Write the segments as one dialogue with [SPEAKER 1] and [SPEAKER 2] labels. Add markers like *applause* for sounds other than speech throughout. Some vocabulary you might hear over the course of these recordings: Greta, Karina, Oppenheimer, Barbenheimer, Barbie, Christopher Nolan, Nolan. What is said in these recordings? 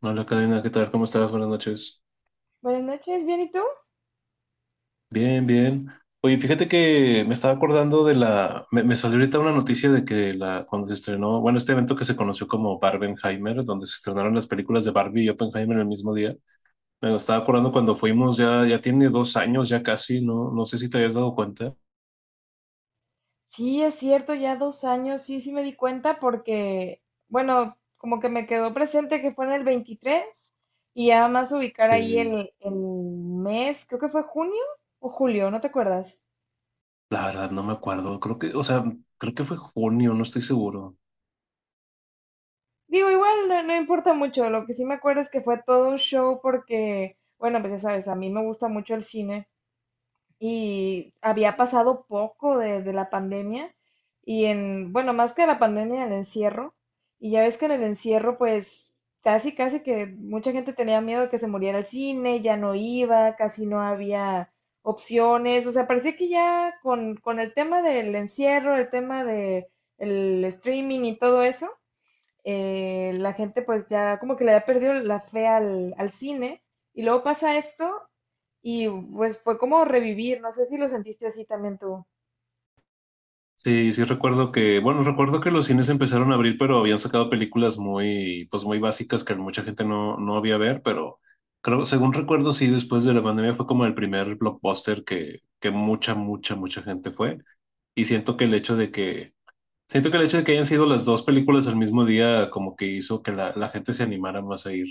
[SPEAKER 1] Hola, Karina, ¿qué tal? ¿Cómo estás? Buenas noches.
[SPEAKER 2] Buenas noches, ¿bien y tú?
[SPEAKER 1] Bien, bien. Oye, fíjate que me estaba acordando de la. Me salió ahorita una noticia de que cuando se estrenó, bueno, este evento que se conoció como Barbenheimer, donde se estrenaron las películas de Barbie y Oppenheimer el mismo día. Me estaba acordando cuando fuimos, ya tiene 2 años, ya casi, ¿no? No sé si te habías dado cuenta.
[SPEAKER 2] Sí, es cierto, ya 2 años, sí, sí me di cuenta porque, bueno, como que me quedó presente que fue en el 23 y ya más ubicar ahí
[SPEAKER 1] Eh,
[SPEAKER 2] el mes, creo que fue junio o julio, ¿no te acuerdas?
[SPEAKER 1] la verdad, no me acuerdo. Creo que, o sea, creo que fue junio, no estoy seguro.
[SPEAKER 2] Digo, igual no, no importa mucho, lo que sí me acuerdo es que fue todo un show porque, bueno, pues ya sabes, a mí me gusta mucho el cine y había pasado poco desde la pandemia y en, bueno, más que la pandemia, el encierro. Y ya ves que en el encierro, pues casi, casi que mucha gente tenía miedo de que se muriera el cine, ya no iba, casi no había opciones. O sea, parecía que ya con el tema del encierro, el tema del streaming y todo eso, la gente pues ya como que le había perdido la fe al cine y luego pasa esto y pues fue como revivir, no sé si lo sentiste así también tú.
[SPEAKER 1] Sí, sí recuerdo que, bueno, recuerdo que los cines empezaron a abrir, pero habían sacado películas muy, pues muy básicas que mucha gente no había ver, pero creo, según recuerdo, sí, después de la pandemia fue como el primer blockbuster que mucha, mucha, mucha gente fue. Y siento que el hecho de que, siento que el hecho de que hayan sido las dos películas al mismo día, como que hizo que la gente se animara más a ir.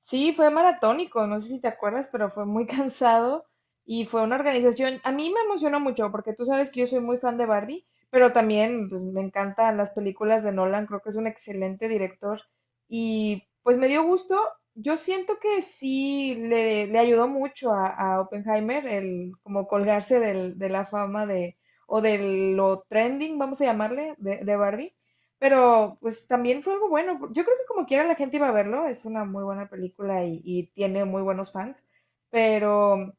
[SPEAKER 2] Sí, fue maratónico, no sé si te acuerdas, pero fue muy *laughs* cansado y fue una organización. A mí me emocionó mucho porque tú sabes que yo soy muy fan de Barbie, pero también pues, me encantan las películas de Nolan, creo que es un excelente director y pues me dio gusto. Yo siento que sí le ayudó mucho a Oppenheimer el como colgarse de la fama de o de lo trending, vamos a llamarle, de Barbie. Pero pues también fue algo bueno. Yo creo que como quiera la gente iba a verlo. Es una muy buena película y tiene muy buenos fans. Pero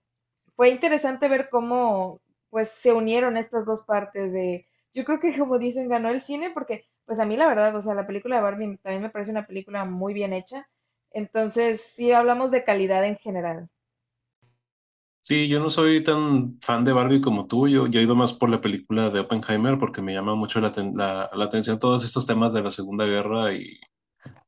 [SPEAKER 2] fue interesante ver cómo pues se unieron estas dos partes de... Yo creo que como dicen, ganó el cine porque pues a mí la verdad, o sea, la película de Barbie también me parece una película muy bien hecha. Entonces sí hablamos de calidad en general.
[SPEAKER 1] Sí, yo no soy tan fan de Barbie como tú, yo iba más por la película de Oppenheimer porque me llama mucho la atención todos estos temas de la Segunda Guerra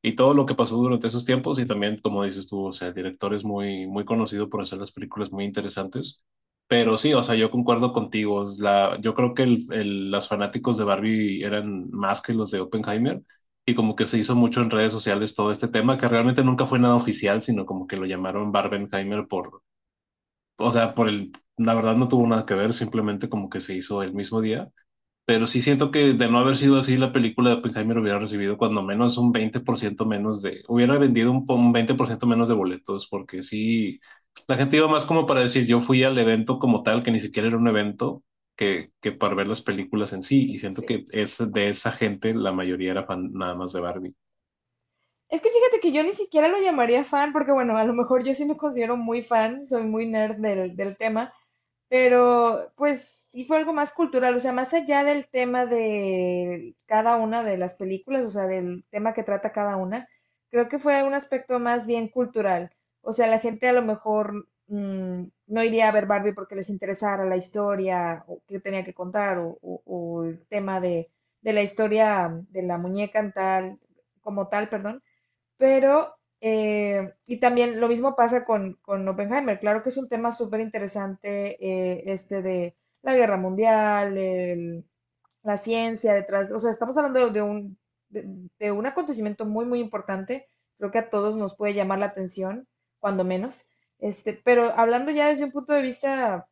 [SPEAKER 1] y todo lo que pasó durante esos tiempos y también, como dices tú, o sea, el director es muy, muy conocido por hacer las películas muy interesantes. Pero sí, o sea, yo concuerdo contigo. Yo creo que los fanáticos de Barbie eran más que los de Oppenheimer y como que se hizo mucho en redes sociales todo este tema, que realmente nunca fue nada oficial, sino como que lo llamaron Barbenheimer por, o sea, la verdad no tuvo nada que ver, simplemente como que se hizo el mismo día. Pero sí siento que de no haber sido así, la película de Oppenheimer hubiera recibido cuando menos un 20% menos de, hubiera vendido un 20% menos de boletos, porque sí, la gente iba más como para decir, yo fui al evento como tal, que ni siquiera era un evento, que para ver las películas en sí, y siento
[SPEAKER 2] Sí.
[SPEAKER 1] que es de esa gente, la mayoría era fan nada más de Barbie.
[SPEAKER 2] Es que fíjate que yo ni siquiera lo llamaría fan porque bueno, a lo mejor yo sí me considero muy fan, soy muy nerd del tema. Pero, pues, sí fue algo más cultural, o sea, más allá del tema de cada una de las películas, o sea, del tema que trata cada una, creo que fue un aspecto más bien cultural. O sea, la gente a lo mejor no iría a ver Barbie porque les interesara la historia o que tenía que contar o, o el tema de la historia de la muñeca en tal, como tal, perdón pero, y también lo mismo pasa con Oppenheimer. Claro que es un tema súper interesante este de la guerra mundial, la ciencia detrás. O sea, estamos hablando de, de un acontecimiento muy, muy importante. Creo que a todos nos puede llamar la atención, cuando menos. Este, pero hablando ya desde un punto de vista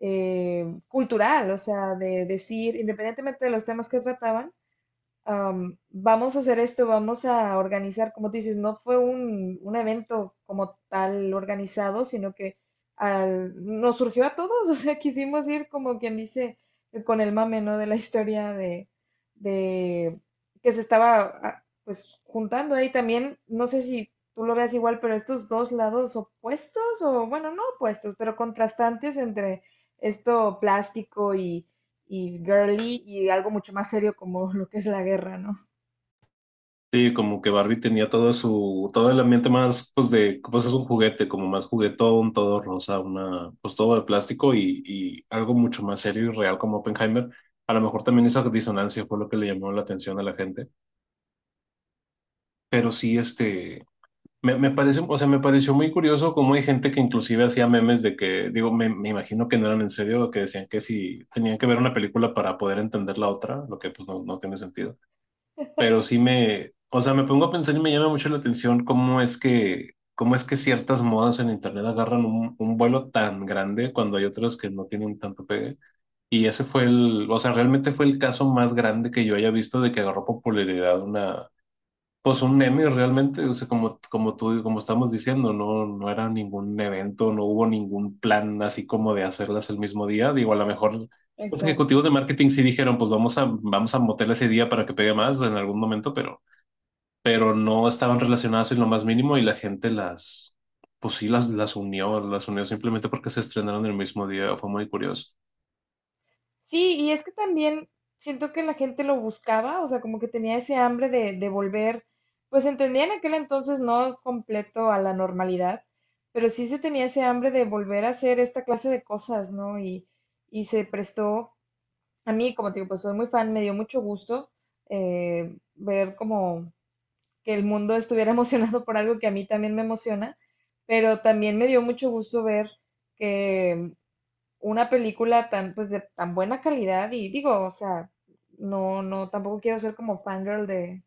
[SPEAKER 2] cultural, o sea, de decir, independientemente de los temas que trataban, vamos a hacer esto, vamos a organizar, como tú dices, no fue un evento como tal organizado, sino que nos surgió a todos, *laughs* o sea, quisimos ir como quien dice con el mame, ¿no? De la historia de que se estaba pues juntando ahí también, no sé si tú lo veas igual, pero estos dos lados opuestos, o bueno, no opuestos, pero contrastantes entre esto plástico y girly y algo mucho más serio como lo que es la guerra, ¿no?
[SPEAKER 1] Sí, como que Barbie tenía todo su, todo el ambiente más, pues de, pues es un juguete, como más juguetón, todo rosa, una, pues todo de plástico y algo mucho más serio y real como Oppenheimer. A lo mejor también esa disonancia fue lo que le llamó la atención a la gente. Pero sí, este, me parece, o sea, me pareció muy curioso cómo hay gente que inclusive hacía memes de que, digo, me imagino que no eran en serio, que decían que si tenían que ver una película para poder entender la otra, lo que pues no, no tiene sentido, pero sí me, o sea, me pongo a pensar y me llama mucho la atención cómo es que ciertas modas en internet agarran un vuelo tan grande cuando hay otras que no tienen tanto pegue. Y ese fue el, o sea, realmente fue el caso más grande que yo haya visto de que agarró popularidad una, pues un meme realmente, o sea, como, como tú, como estamos diciendo, no, no era ningún evento, no hubo ningún plan así como de hacerlas el mismo día. Digo, a lo mejor los
[SPEAKER 2] Exacto.
[SPEAKER 1] ejecutivos de
[SPEAKER 2] Sí.
[SPEAKER 1] marketing sí dijeron, pues vamos a motel ese día para que pegue más en algún momento, pero no estaban relacionadas en lo más mínimo y la gente las, pues sí, las unió simplemente porque se estrenaron el mismo día, fue muy curioso.
[SPEAKER 2] Sí, y es que también siento que la gente lo buscaba, o sea, como que tenía ese hambre de volver, pues entendía en aquel entonces no completo a la normalidad, pero sí se tenía ese hambre de volver a hacer esta clase de cosas, ¿no? Y se prestó, a mí, como te digo, pues soy muy fan, me dio mucho gusto ver como que el mundo estuviera *laughs* emocionado por algo que a mí también me emociona, pero también me dio mucho gusto ver que una película tan, pues, de tan buena calidad, y digo, o sea, no, no, tampoco quiero ser como fangirl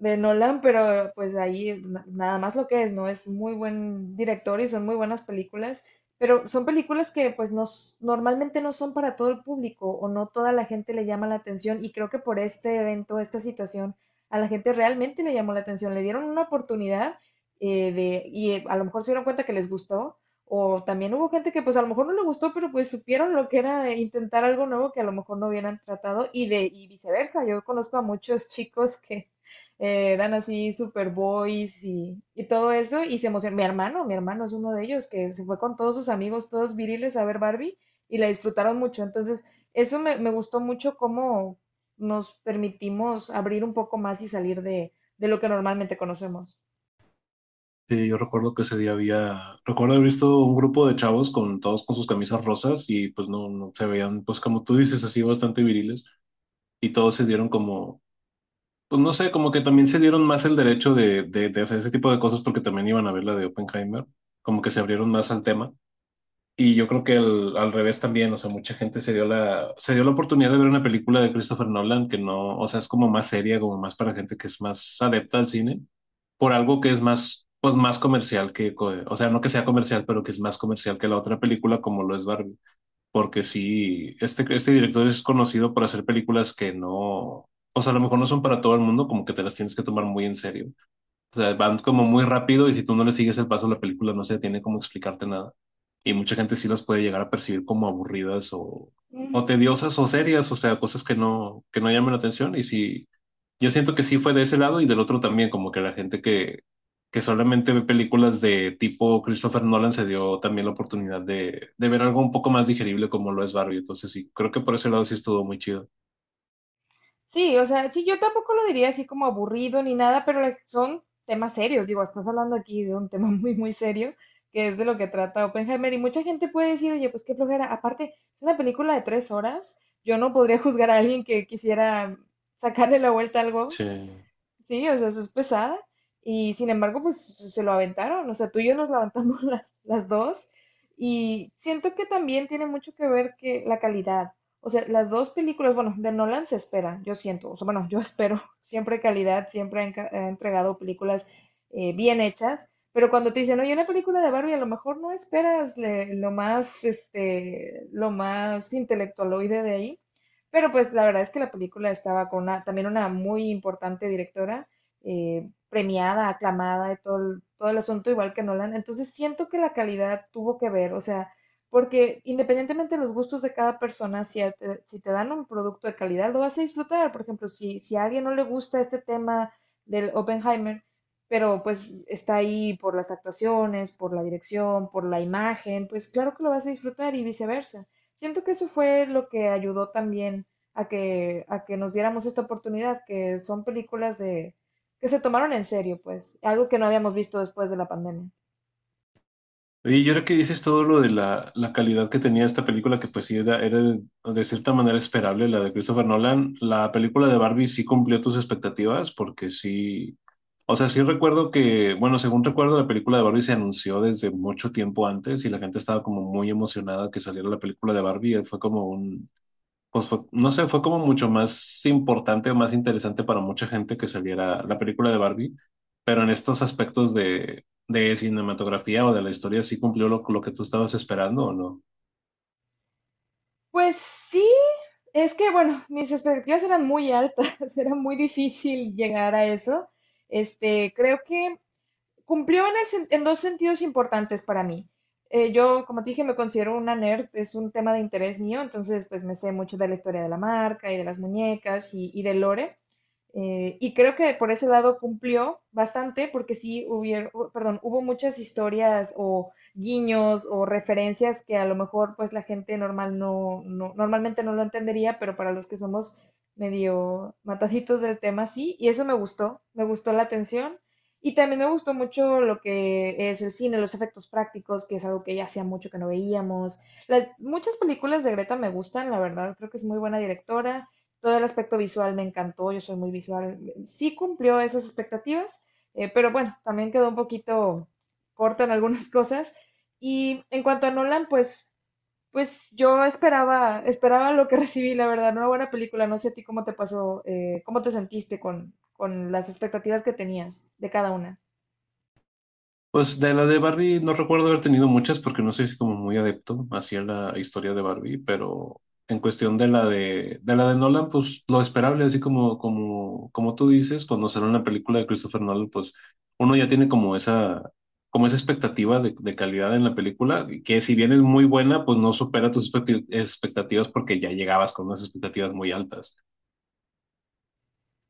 [SPEAKER 2] de Nolan, pero pues ahí nada más lo que es, ¿no? Es muy buen director y son muy buenas películas, pero son películas que pues no, normalmente no son para todo el público o no toda la gente le llama la atención y creo que por este evento, esta situación, a la gente realmente le llamó la atención, le dieron una oportunidad y a lo mejor se dieron cuenta que les gustó. O también hubo gente que pues a lo mejor no le gustó, pero pues supieron lo que era intentar algo nuevo que a lo mejor no hubieran tratado y viceversa. Yo conozco a muchos chicos que, eran así super boys y todo eso, y se emocionó. Mi hermano es uno de ellos, que se fue con todos sus amigos, todos viriles, a ver Barbie, y la disfrutaron mucho. Entonces, eso me gustó mucho cómo nos permitimos abrir un poco más y salir de lo que normalmente conocemos.
[SPEAKER 1] Sí, yo recuerdo que ese día había, recuerdo haber visto un grupo de chavos con todos con sus camisas rosas y pues no, no se veían, pues como tú dices, así bastante viriles y todos se dieron como, pues no sé, como que también se dieron más el derecho de hacer ese tipo de cosas porque también iban a ver la de Oppenheimer, como que se abrieron más al tema. Y yo creo que al revés también, o sea, mucha gente se dio la oportunidad de ver una película de Christopher Nolan que no, o sea, es como más seria, como más para gente que es más adepta al cine, por algo que es más, pues más comercial que, co- o sea, no que sea comercial, pero que es más comercial que la otra película como lo es Barbie. Porque sí, este director es conocido por hacer películas que no, o sea, a lo mejor no son para todo el mundo, como que te las tienes que tomar muy en serio. O sea, van como muy rápido y si tú no le sigues el paso, la película no se tiene como explicarte nada. Y mucha gente sí las puede llegar a percibir como aburridas o
[SPEAKER 2] Ujú.
[SPEAKER 1] tediosas o serias, o sea, cosas que no llaman la atención. Y sí, yo siento que sí fue de ese lado y del otro también, como que la gente que solamente ve películas de tipo Christopher Nolan se dio también la oportunidad de ver algo un poco más digerible como lo es Barbie. Entonces sí, creo que por ese lado sí estuvo muy chido.
[SPEAKER 2] Sí, o sea, sí, yo tampoco lo diría así como aburrido ni nada, pero like, son temas serios. Digo, estás hablando aquí de un *laughs* tema muy, muy serio, que es de lo que trata Oppenheimer. Y mucha gente puede decir, oye, pues qué flojera. Aparte, es una película de 3 horas. Yo no podría *laughs* juzgar a alguien que quisiera sacarle la vuelta a algo.
[SPEAKER 1] Sí.
[SPEAKER 2] Sí, o sea, es pesada. Y sin embargo, pues se lo aventaron. O sea, tú y yo nos levantamos *laughs* las dos. Y siento que también tiene mucho que ver que la calidad. O sea, las dos películas, bueno, de Nolan se espera, yo siento. O sea, bueno, yo espero *laughs* siempre calidad, siempre ha ha entregado películas bien hechas. Pero cuando te dicen, oye, una película de Barbie, a lo mejor no esperas lo más, este, lo más intelectualoide de ahí. Pero pues la verdad es que la película estaba con también una muy importante directora, premiada, aclamada, de todo el asunto, igual que Nolan. Entonces siento que la calidad tuvo que ver, o sea, porque independientemente de los gustos de cada persona, si te dan un producto de calidad, lo vas a disfrutar. Por ejemplo, si, si a alguien no le gusta este tema del Oppenheimer, pero pues está ahí por las actuaciones, por la dirección, por la imagen, pues claro que lo vas a disfrutar y viceversa. Siento que eso fue lo que ayudó también a que nos diéramos esta oportunidad, que son películas de, que se tomaron en serio, pues, algo que no habíamos visto después de la pandemia.
[SPEAKER 1] Y yo creo que dices todo lo de la calidad que tenía esta película, que pues sí era, era de cierta manera esperable, la de Christopher Nolan. La película de Barbie sí cumplió tus expectativas, porque sí, o sea, sí recuerdo que, bueno, según recuerdo, la película de Barbie se anunció desde mucho tiempo antes y la gente estaba como muy emocionada que saliera la película de Barbie. Fue como un, pues fue- no sé, fue como mucho más importante o más interesante para mucha gente que saliera la película de Barbie, pero en estos aspectos de cinematografía o de la historia, ¿sí cumplió lo que tú estabas esperando o no?
[SPEAKER 2] Pues sí, es que bueno, mis expectativas eran muy altas, *laughs* era muy difícil llegar a eso. Este, creo que cumplió en dos sentidos importantes para mí. Yo, como te dije, me considero una nerd, es un tema de interés mío, entonces pues me sé mucho de la historia de la marca y de las muñecas y de lore. Y creo que por ese lado cumplió bastante, porque sí hubiera, perdón, hubo muchas historias o guiños o referencias que a lo mejor pues la gente normal no, no normalmente no lo entendería, pero para los que somos medio mataditos del tema, sí, y eso me gustó la atención. Y también me gustó mucho lo que es el cine, los efectos prácticos, que es algo que ya hacía mucho que no veíamos. Las, muchas películas de Greta me gustan, la verdad, creo que es muy buena directora. Todo el aspecto visual me encantó, yo soy muy visual, sí cumplió esas expectativas, pero bueno, también quedó un poquito corta en algunas *laughs* cosas. Y en cuanto a Nolan, pues, pues yo esperaba, esperaba lo que *laughs* recibí, la verdad, una buena película, no sé a ti cómo te pasó, cómo te sentiste con las expectativas que tenías de cada una.
[SPEAKER 1] Pues de la de Barbie no recuerdo haber tenido muchas porque no soy así como muy adepto hacia la historia de Barbie, pero en cuestión de la de la de Nolan, pues lo esperable, así como, como, como tú dices, cuando sale una película de Christopher Nolan, pues uno ya tiene como esa expectativa de calidad en la película, que si bien es muy buena, pues no supera tus expectativas porque ya llegabas con unas expectativas muy altas.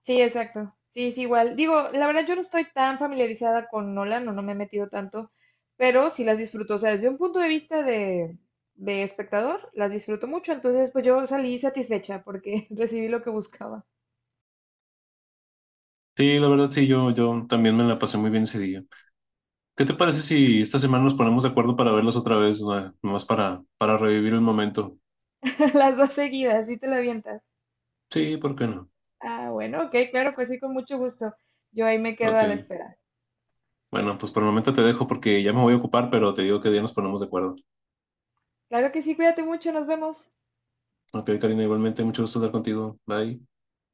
[SPEAKER 2] Sí, exacto. Sí, es igual. Digo, la verdad yo no estoy tan familiarizada con Nolan, no, no me he metido tanto, pero sí las disfruto. O sea, desde un punto de vista de espectador, las disfruto mucho. Entonces, pues yo salí satisfecha porque *laughs* recibí lo que buscaba.
[SPEAKER 1] Sí, la verdad sí, yo también me la pasé muy bien ese día. ¿Qué te parece si esta semana nos ponemos de acuerdo para verlos otra vez, no Nomás para revivir el momento.
[SPEAKER 2] *laughs* Las dos seguidas, sí te la avientas.
[SPEAKER 1] Sí, ¿por qué no?
[SPEAKER 2] Ah, bueno, ok, claro, pues sí, con mucho gusto. Yo ahí me quedo
[SPEAKER 1] Ok.
[SPEAKER 2] a la espera.
[SPEAKER 1] Bueno, pues por el momento te dejo porque ya me voy a ocupar, pero te digo que día nos ponemos de acuerdo.
[SPEAKER 2] Claro que sí, cuídate mucho, nos vemos.
[SPEAKER 1] Ok, Karina, igualmente, mucho gusto hablar contigo. Bye.